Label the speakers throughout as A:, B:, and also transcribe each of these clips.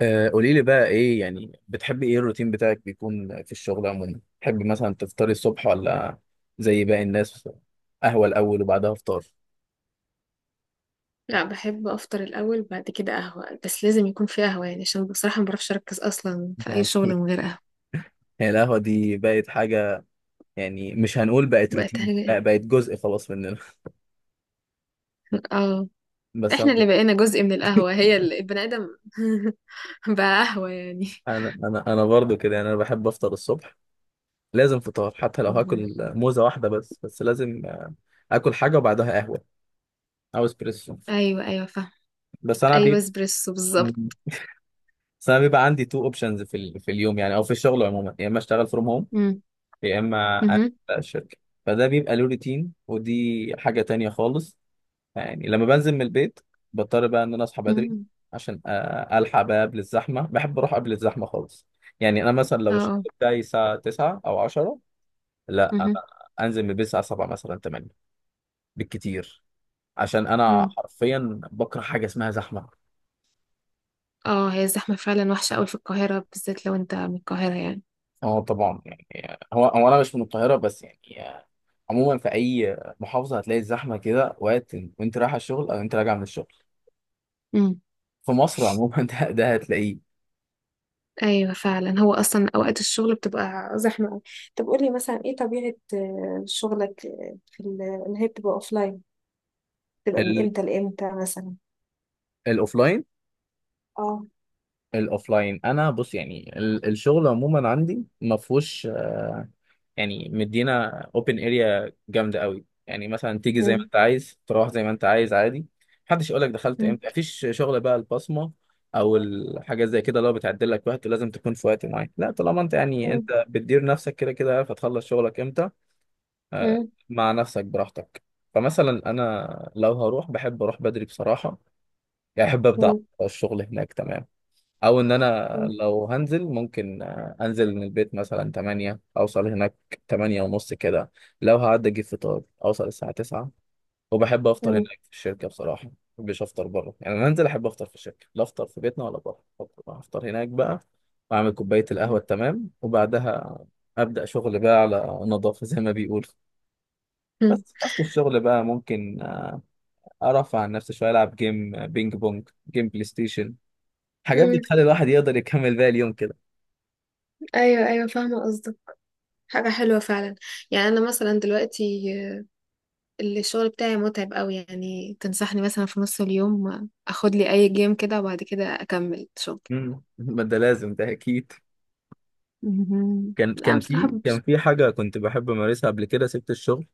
A: قولي لي بقى ايه يعني بتحبي ايه الروتين بتاعك بيكون في الشغل عموما؟ بتحبي مثلا تفطري الصبح ولا زي باقي الناس؟ قهوة الاول وبعدها فطار
B: لا، بحب افطر الاول بعد كده قهوه، بس لازم يكون في قهوه، يعني عشان بصراحه ما بعرفش اركز اصلا في اي
A: يعني؟
B: شغل من غير قهوه.
A: هي القهوة دي بقت حاجة. يعني مش هنقول بقت
B: بقت
A: روتين، لا
B: حاجه.
A: بقت جزء خلاص مننا.
B: اه.
A: بس
B: احنا
A: انا
B: اللي بقينا جزء من القهوه، هي البني ادم. بقى قهوه يعني.
A: انا انا أنا برضو كده، يعني انا بحب افطر الصبح. لازم فطار، حتى لو
B: مهم.
A: هاكل موزة واحدة بس لازم اكل حاجة وبعدها قهوة او اسبريسو.
B: ايوه، ايوه، فاهم.
A: بس انا
B: ايوه،
A: بي
B: اسبريسو بالظبط.
A: بس انا بيبقى عندي تو اوبشنز في اليوم، يعني او في الشغل عموما. يا اما اشتغل فروم هوم،
B: مم.
A: يا اما انزل
B: مهم.
A: بقى الشركه. فده بيبقى له روتين، ودي حاجه تانية خالص. يعني لما بنزل من البيت بضطر بقى ان انا اصحى بدري
B: مم.
A: عشان الحق بقى قبل الزحمه. بحب اروح قبل الزحمه خالص. يعني انا مثلا
B: اه،
A: لو الشغل
B: اه.
A: بتاعي الساعه 9 او 10، لا انا
B: مهم.
A: انزل من البيت الساعه 7 مثلا 8 بالكتير، عشان انا
B: مم.
A: حرفيا بكره حاجه اسمها زحمه.
B: اه، هي الزحمه فعلا وحشه قوي في القاهره، بالذات لو انت من القاهره يعني.
A: اه طبعا، يعني هو انا مش من القاهره، بس يعني آه، عموما في اي محافظه هتلاقي الزحمه كده، وقت وانت رايح الشغل او انت راجع من الشغل في مصر عموما. ده هتلاقيه.
B: ايوه فعلا، هو اصلا اوقات الشغل بتبقى زحمه قوي. طب قولي مثلا ايه طبيعه شغلك في اللي هي بتبقى اوفلاين، بتبقى من
A: ال-
B: امتى لامتى مثلا؟
A: الاوفلاين،
B: اه.
A: الاوفلاين انا بص يعني الشغل عموما عندي ما فيهوش. يعني مدينا اوبن اريا جامده قوي، يعني مثلا تيجي زي ما
B: مم.
A: انت عايز، تروح زي ما انت عايز عادي. محدش يقول لك دخلت
B: مم.
A: امتى، مفيش شغل بقى البصمه او الحاجات زي كده اللي هو بتعدل لك وقت ولازم تكون في وقت معين. لا، طالما انت يعني
B: مم.
A: انت بتدير نفسك كده كده، عارف هتخلص شغلك امتى آه،
B: مم.
A: مع نفسك براحتك. فمثلا انا لو هروح بحب اروح بدري بصراحه، يعني احب ابدا
B: مم.
A: الشغل هناك تمام. او ان انا
B: مم.
A: لو هنزل ممكن انزل من البيت مثلا 8، اوصل هناك 8 ونص كده. لو هعدي اجيب فطار اوصل الساعه 9، وبحب افطر
B: مم.
A: هناك في الشركه بصراحه. ما بحبش افطر بره، يعني انا انزل احب افطر في الشركه. لا افطر في بيتنا ولا بره، أفطر هناك بقى، واعمل كوبايه القهوه التمام، وبعدها ابدا شغل بقى على نظافه زي ما بيقولوا.
B: مم.
A: بس اصل الشغل بقى ممكن ارفع عن نفسي شويه، العب جيم بينج بونج، جيم، بلاي ستيشن، حاجات
B: مم.
A: بتخلي الواحد يقدر يكمل باقي اليوم كده.
B: ايوه، ايوه، فاهمه قصدك. حاجه حلوه فعلا. يعني انا مثلا دلوقتي الشغل بتاعي متعب قوي، يعني تنصحني مثلا في نص اليوم اخد لي اي جيم كده وبعد كده اكمل شغل؟
A: مم. ما ده لازم، ده اكيد.
B: مهم.
A: كان
B: لا أنا
A: كان
B: بصراحه
A: في كان
B: مبسوطة.
A: في حاجه كنت بحب امارسها قبل كده، سبت الشغل.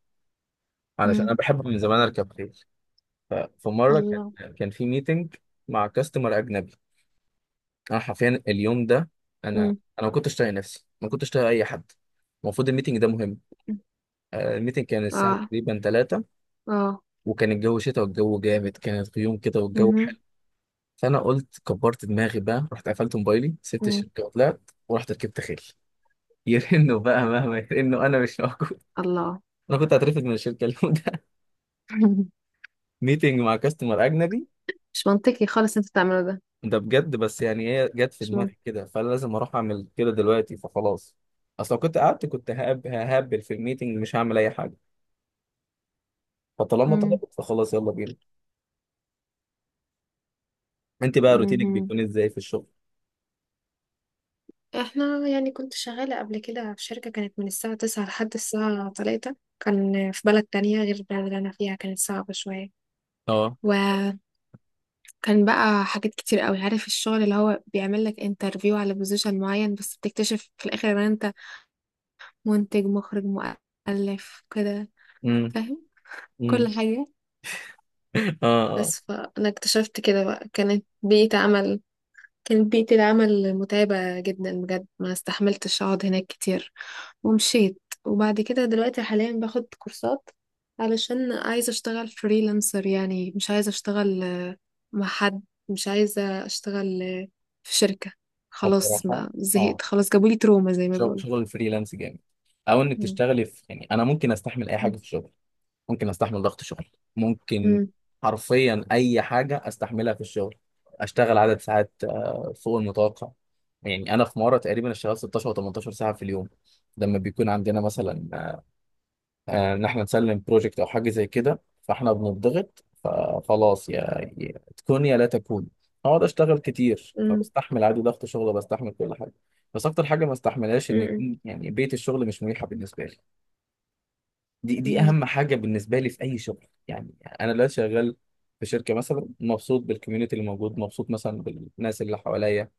A: علشان
B: مم.
A: انا بحب من زمان اركب خيل. ففي مره كان
B: الله.
A: كان في ميتنج مع كاستمر اجنبي. انا حرفيا اليوم ده انا ما كنتش طايق نفسي، ما كنتش طايق اي حد. المفروض الميتنج ده مهم. الميتنج كان الساعه
B: اه،
A: تقريبا 3،
B: اه.
A: وكان الجو شتاء، والجو جامد، كانت غيوم كده، والجو
B: مهم.
A: حلو. فانا قلت كبرت دماغي بقى، رحت قفلت موبايلي، سبت
B: مم.
A: الشركه وطلعت، ورحت ركبت خيل. يرنوا بقى، مهما يرنوا انا مش موجود.
B: الله.
A: انا كنت هترفد من الشركه اليوم ده. ميتنج مع كاستمر اجنبي.
B: مش منطقي خالص انت تعمله ده.
A: ده بجد، بس يعني هي جت في
B: مش منطقي.
A: دماغي كده، فانا لازم اروح اعمل كده دلوقتي، فخلاص. اصل لو كنت قعدت كنت ههبل في الميتنج، مش هعمل اي حاجه. فطالما
B: مم.
A: طلبت فخلاص، يلا بينا. انت بقى روتينك
B: مهم.
A: بيكون ازاي في الشغل؟
B: احنا يعني كنت شغالة قبل كده في شركة، كانت من الساعة 9 لحد الساعة 3، كان في بلد تانية غير البلد اللي أنا فيها، كانت صعبة شوية.
A: اه.
B: وكان بقى حاجات كتير قوي، عارف الشغل اللي هو بيعمل لك انترفيو على بوزيشن معين، بس بتكتشف في الآخر ان انت منتج مخرج مؤلف كده.
A: امم.
B: فاهم. كل
A: امم.
B: حاجة.
A: اه، اه.
B: بس فأنا اكتشفت كده، بقى كانت بيئة عمل، كانت بيئة العمل متعبة جدا بجد، ما استحملتش أقعد هناك كتير ومشيت. وبعد كده دلوقتي حاليا باخد كورسات، علشان عايزة أشتغل فريلانسر، يعني مش عايزة أشتغل مع حد، مش عايزة أشتغل في شركة. خلاص
A: بصراحه،
B: ما
A: اه،
B: زهقت، خلاص جابولي تروما زي ما
A: شغل
B: بيقولوا.
A: شغل الفريلانس جامد، او انك
B: مم.
A: تشتغلي في، يعني انا ممكن استحمل اي حاجه
B: مم.
A: في الشغل. ممكن استحمل ضغط شغل، ممكن
B: مم.
A: حرفيا اي حاجه استحملها في الشغل. اشتغل عدد ساعات فوق المتوقع، يعني انا في مره تقريبا اشتغلت 16 او 18 ساعه في اليوم. لما بيكون عندنا مثلا ان احنا نسلم بروجكت او حاجه زي كده، فاحنا بنضغط، فخلاص يا تكون يا لا تكون. اقعد اشتغل كتير،
B: مم.
A: فبستحمل عادي ضغط شغل وبستحمل كل حاجه. بس اكتر حاجه ما استحملهاش ان
B: مم.
A: يكون يعني بيئه الشغل مش مريحه بالنسبه لي. دي
B: مم.
A: اهم حاجه بالنسبه لي في اي شغل يعني. انا لا شغال في شركه مثلا، مبسوط بالكوميونتي اللي موجود، مبسوط مثلا بالناس اللي حواليا،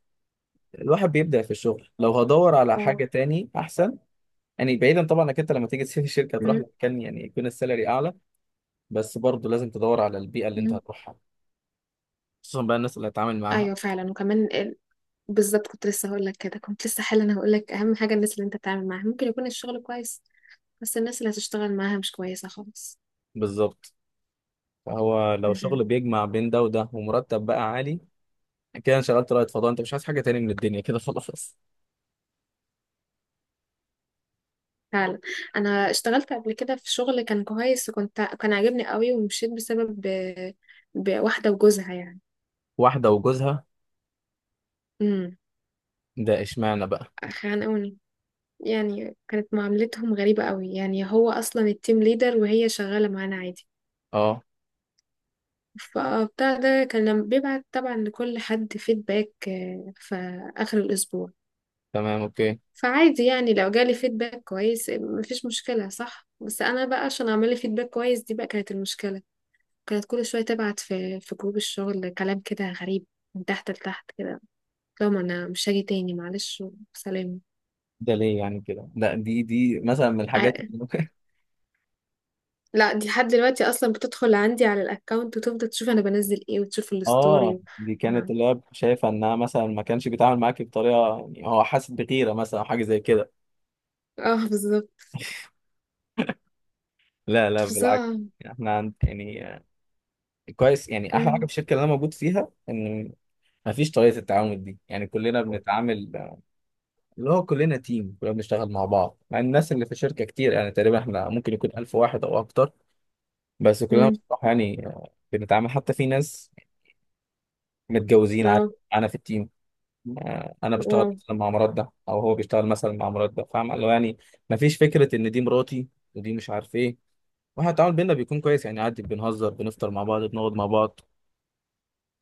A: الواحد بيبدا في الشغل لو هدور على
B: اه.
A: حاجه تاني احسن. يعني بعيدا طبعا انك انت لما تيجي تسيب الشركه هتروح
B: مم.
A: لمكان يعني يكون السالري اعلى، بس برضه لازم تدور على البيئه اللي انت
B: مم.
A: هتروحها، خصوصا بقى الناس اللي هتتعامل معاها.
B: ايوه فعلا، وكمان بالظبط، كنت لسه حالا هقول لك اهم حاجه الناس اللي انت بتتعامل معاها، ممكن يكون الشغل كويس بس الناس اللي هتشتغل معاها مش كويسه خالص.
A: بالظبط. فهو لو
B: مهم.
A: شغل بيجمع بين ده وده، ومرتب بقى عالي، كده انشغلت رائد فضاء، انت مش عايز حاجه تاني من الدنيا، كده خلاص.
B: فعلا. انا اشتغلت قبل كده في شغل كان كويس، كان عاجبني قوي، ومشيت بسبب بواحده وجوزها يعني.
A: واحده وجوزها؟
B: امم.
A: ده اشمعنى بقى؟
B: خانقوني. يعني كانت معاملتهم غريبه قوي، يعني هو اصلا التيم ليدر وهي شغاله معانا عادي.
A: اه.
B: فبتاع ده كان لما بيبعت طبعا لكل حد فيدباك في اخر الاسبوع.
A: تمام، اوكي.
B: فعادي، يعني لو جالي فيدباك كويس مفيش مشكلة، صح؟ بس أنا بقى عشان أعمل لي فيدباك كويس، دي بقى كانت المشكلة. كانت كل شوية تبعت في جروب الشغل كلام كده غريب، من تحت لتحت كده. لو ما أنا مش هاجي تاني معلش، وسلام.
A: ده ليه يعني كده؟ ده دي دي مثلا من الحاجات
B: ع-
A: اللي ممكن.
B: لا، دي لحد دلوقتي أصلا بتدخل عندي على الأكاونت وتفضل تشوف أنا بنزل إيه وتشوف الستوري
A: اه،
B: و.
A: دي كانت
B: اه.
A: اللي هي شايفه انها مثلا ما كانش بيتعامل معاك بطريقه، يعني هو حاسس بغيره مثلا او حاجه زي كده؟
B: آه، بالظبط.
A: لا، لا بالعكس.
B: فظاع.
A: احنا عند يعني كويس، يعني احلى حاجه في
B: مم.
A: الشركه اللي انا موجود فيها ان ما فيش طريقه التعامل دي. يعني كلنا بنتعامل اللي هو كلنا تيم، كلنا بنشتغل مع بعض. مع الناس اللي في الشركه كتير، يعني تقريبا احنا ممكن يكون 1000 واحد او اكتر، بس كلنا
B: مم.
A: بصراحه يعني بنتعامل، حتى في ناس متجوزين عادي
B: لا.
A: معانا في التيم. انا بشتغل
B: واو.
A: مثلا مع مراد ده، او هو بيشتغل مثلا مع مراد ده، فاهم؟ اللي هو يعني مفيش فكره ان دي مراتي، ودي مش عارف ايه. واحنا التعامل بينا بيكون كويس، يعني عادي بنهزر، بنفطر مع بعض، بنقعد مع بعض،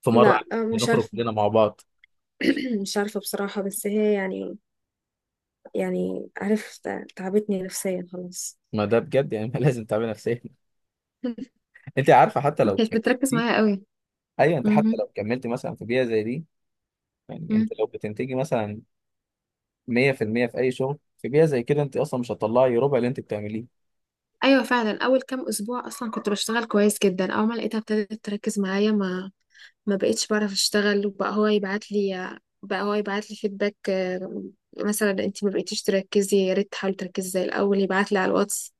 A: في مره
B: لا.
A: عادي
B: مش
A: بنخرج
B: عارفة.
A: كلنا مع بعض.
B: مش عارفة بصراحة، بس هي يعني، يعني عارف تعبتني نفسيا خلاص.
A: ما ده بجد، يعني ما لازم تعمل نفسيا. انت عارفه حتى لو
B: كانت بتركز
A: كملتي،
B: معايا قوي.
A: ايوه انت حتى
B: مهم.
A: لو كملتي مثلا في بيئه زي دي، يعني
B: مم.
A: انت لو بتنتجي مثلا 100% في المية في اي شغل، في بيئه زي كده انت اصلا مش هتطلعي ربع اللي انت بتعمليه.
B: ايوه فعلا، اول كام اسبوع اصلا كنت بشتغل كويس جدا، اول ما لقيتها ابتدت تركز معايا، ما بقيتش بعرف اشتغل، وبقى هو يبعت لي، فيدباك. مثلا انت ما بقيتيش تركزي، يا ريت تحاولي تركزي زي الاول. يبعت لي على الواتس،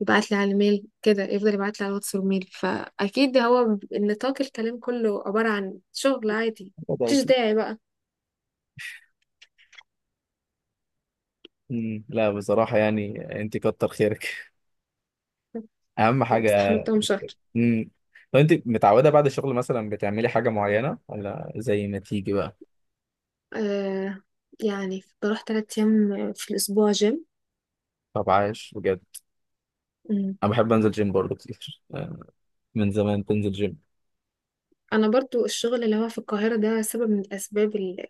B: يبعت لي على الميل، كده يفضل يبعت لي على الواتس والميل، فاكيد هو النطاق الكلام كله عبارة عن شغل عادي،
A: ده
B: مفيش
A: اكيد.
B: داعي بقى.
A: مم، لا بصراحه يعني انت كتر خيرك. اهم حاجه.
B: استحملتهم شهر.
A: امم. طب انت متعوده بعد الشغل مثلا بتعملي حاجه معينه، ولا زي ما تيجي بقى؟
B: آه. يعني بروح 3 أيام في الأسبوع جيم.
A: طب عايش بجد.
B: مم.
A: انا بحب انزل جيم برضه كتير. من زمان بنزل جيم.
B: أنا برضو الشغل اللي هو في القاهرة ده سبب من الأسباب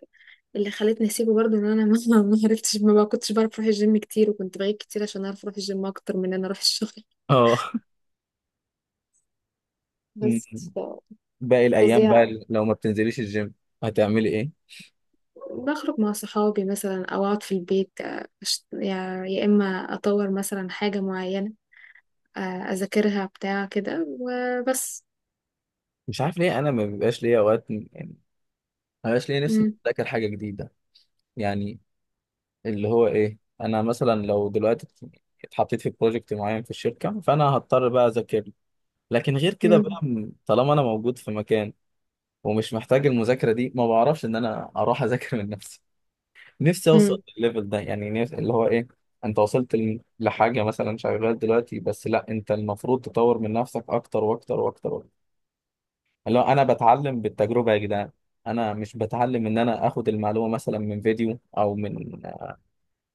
B: اللي خلتني أسيبه، برضو إن أنا ما ما عرفتش، ما بقى- كنتش بعرف أروح الجيم كتير، وكنت بغيب كتير عشان أعرف أروح الجيم أكتر من إن أنا أروح الشغل.
A: اه. أمم.
B: بس ف-
A: باقي الايام
B: فظيعة.
A: بقى لو ما بتنزليش الجيم هتعملي ايه؟
B: بخرج مع صحابي مثلا، أو أقعد في البيت، يا إما أطور مثلا حاجة معينة، أذاكرها بتاع كده وبس.
A: مش عارف ليه، انا ما بيبقاش ليا اوقات يعني، ما بيبقاش ليا نفسي
B: مم.
A: اذاكر حاجه جديده. يعني اللي هو ايه، انا مثلا لو دلوقتي اتحطيت في بروجكت معين في الشركه، فانا هضطر بقى اذاكر. لكن غير كده بقى، طالما انا موجود في مكان ومش محتاج المذاكرة دي، ما بعرفش ان انا اروح اذاكر من نفسي. نفسي اوصل
B: مم.
A: للليفل ده، يعني اللي هو ايه، انت وصلت لحاجة مثلا، شغال دلوقتي بس، لا انت المفروض تطور من نفسك اكتر واكتر واكتر واكتر. اللي هو انا بتعلم بالتجربة يا جدعان. انا مش بتعلم ان انا اخد المعلومة مثلا من فيديو او من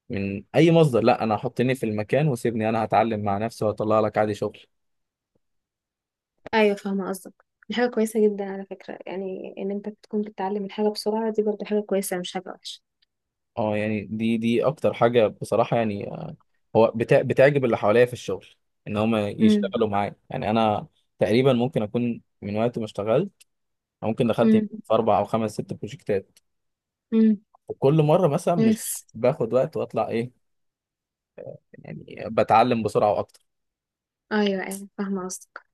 A: اي مصدر، لا انا حطني في المكان وسيبني، انا هتعلم مع نفسي وهطلع لك عادي شغل.
B: ايوه فاهمه قصدك. دي حاجه كويسه جدا على فكره، يعني ان انت تكون بتتعلم الحاجه بسرعه، دي برضه حاجه كويسه مش حاجه وحشه.
A: اه، يعني دي اكتر حاجه بصراحه، يعني هو بتعجب اللي حواليا في الشغل، ان هم
B: امم.
A: يشتغلوا معايا. يعني انا تقريبا ممكن اكون من وقت ما اشتغلت، أو ممكن دخلت في
B: امم.
A: اربع او خمس ست بروجكتات،
B: امم.
A: وكل مره مثلا مش
B: كويس.
A: باخد وقت واطلع ايه، يعني بتعلم بسرعه.
B: ايوه، ايوه، فاهمه قصدك.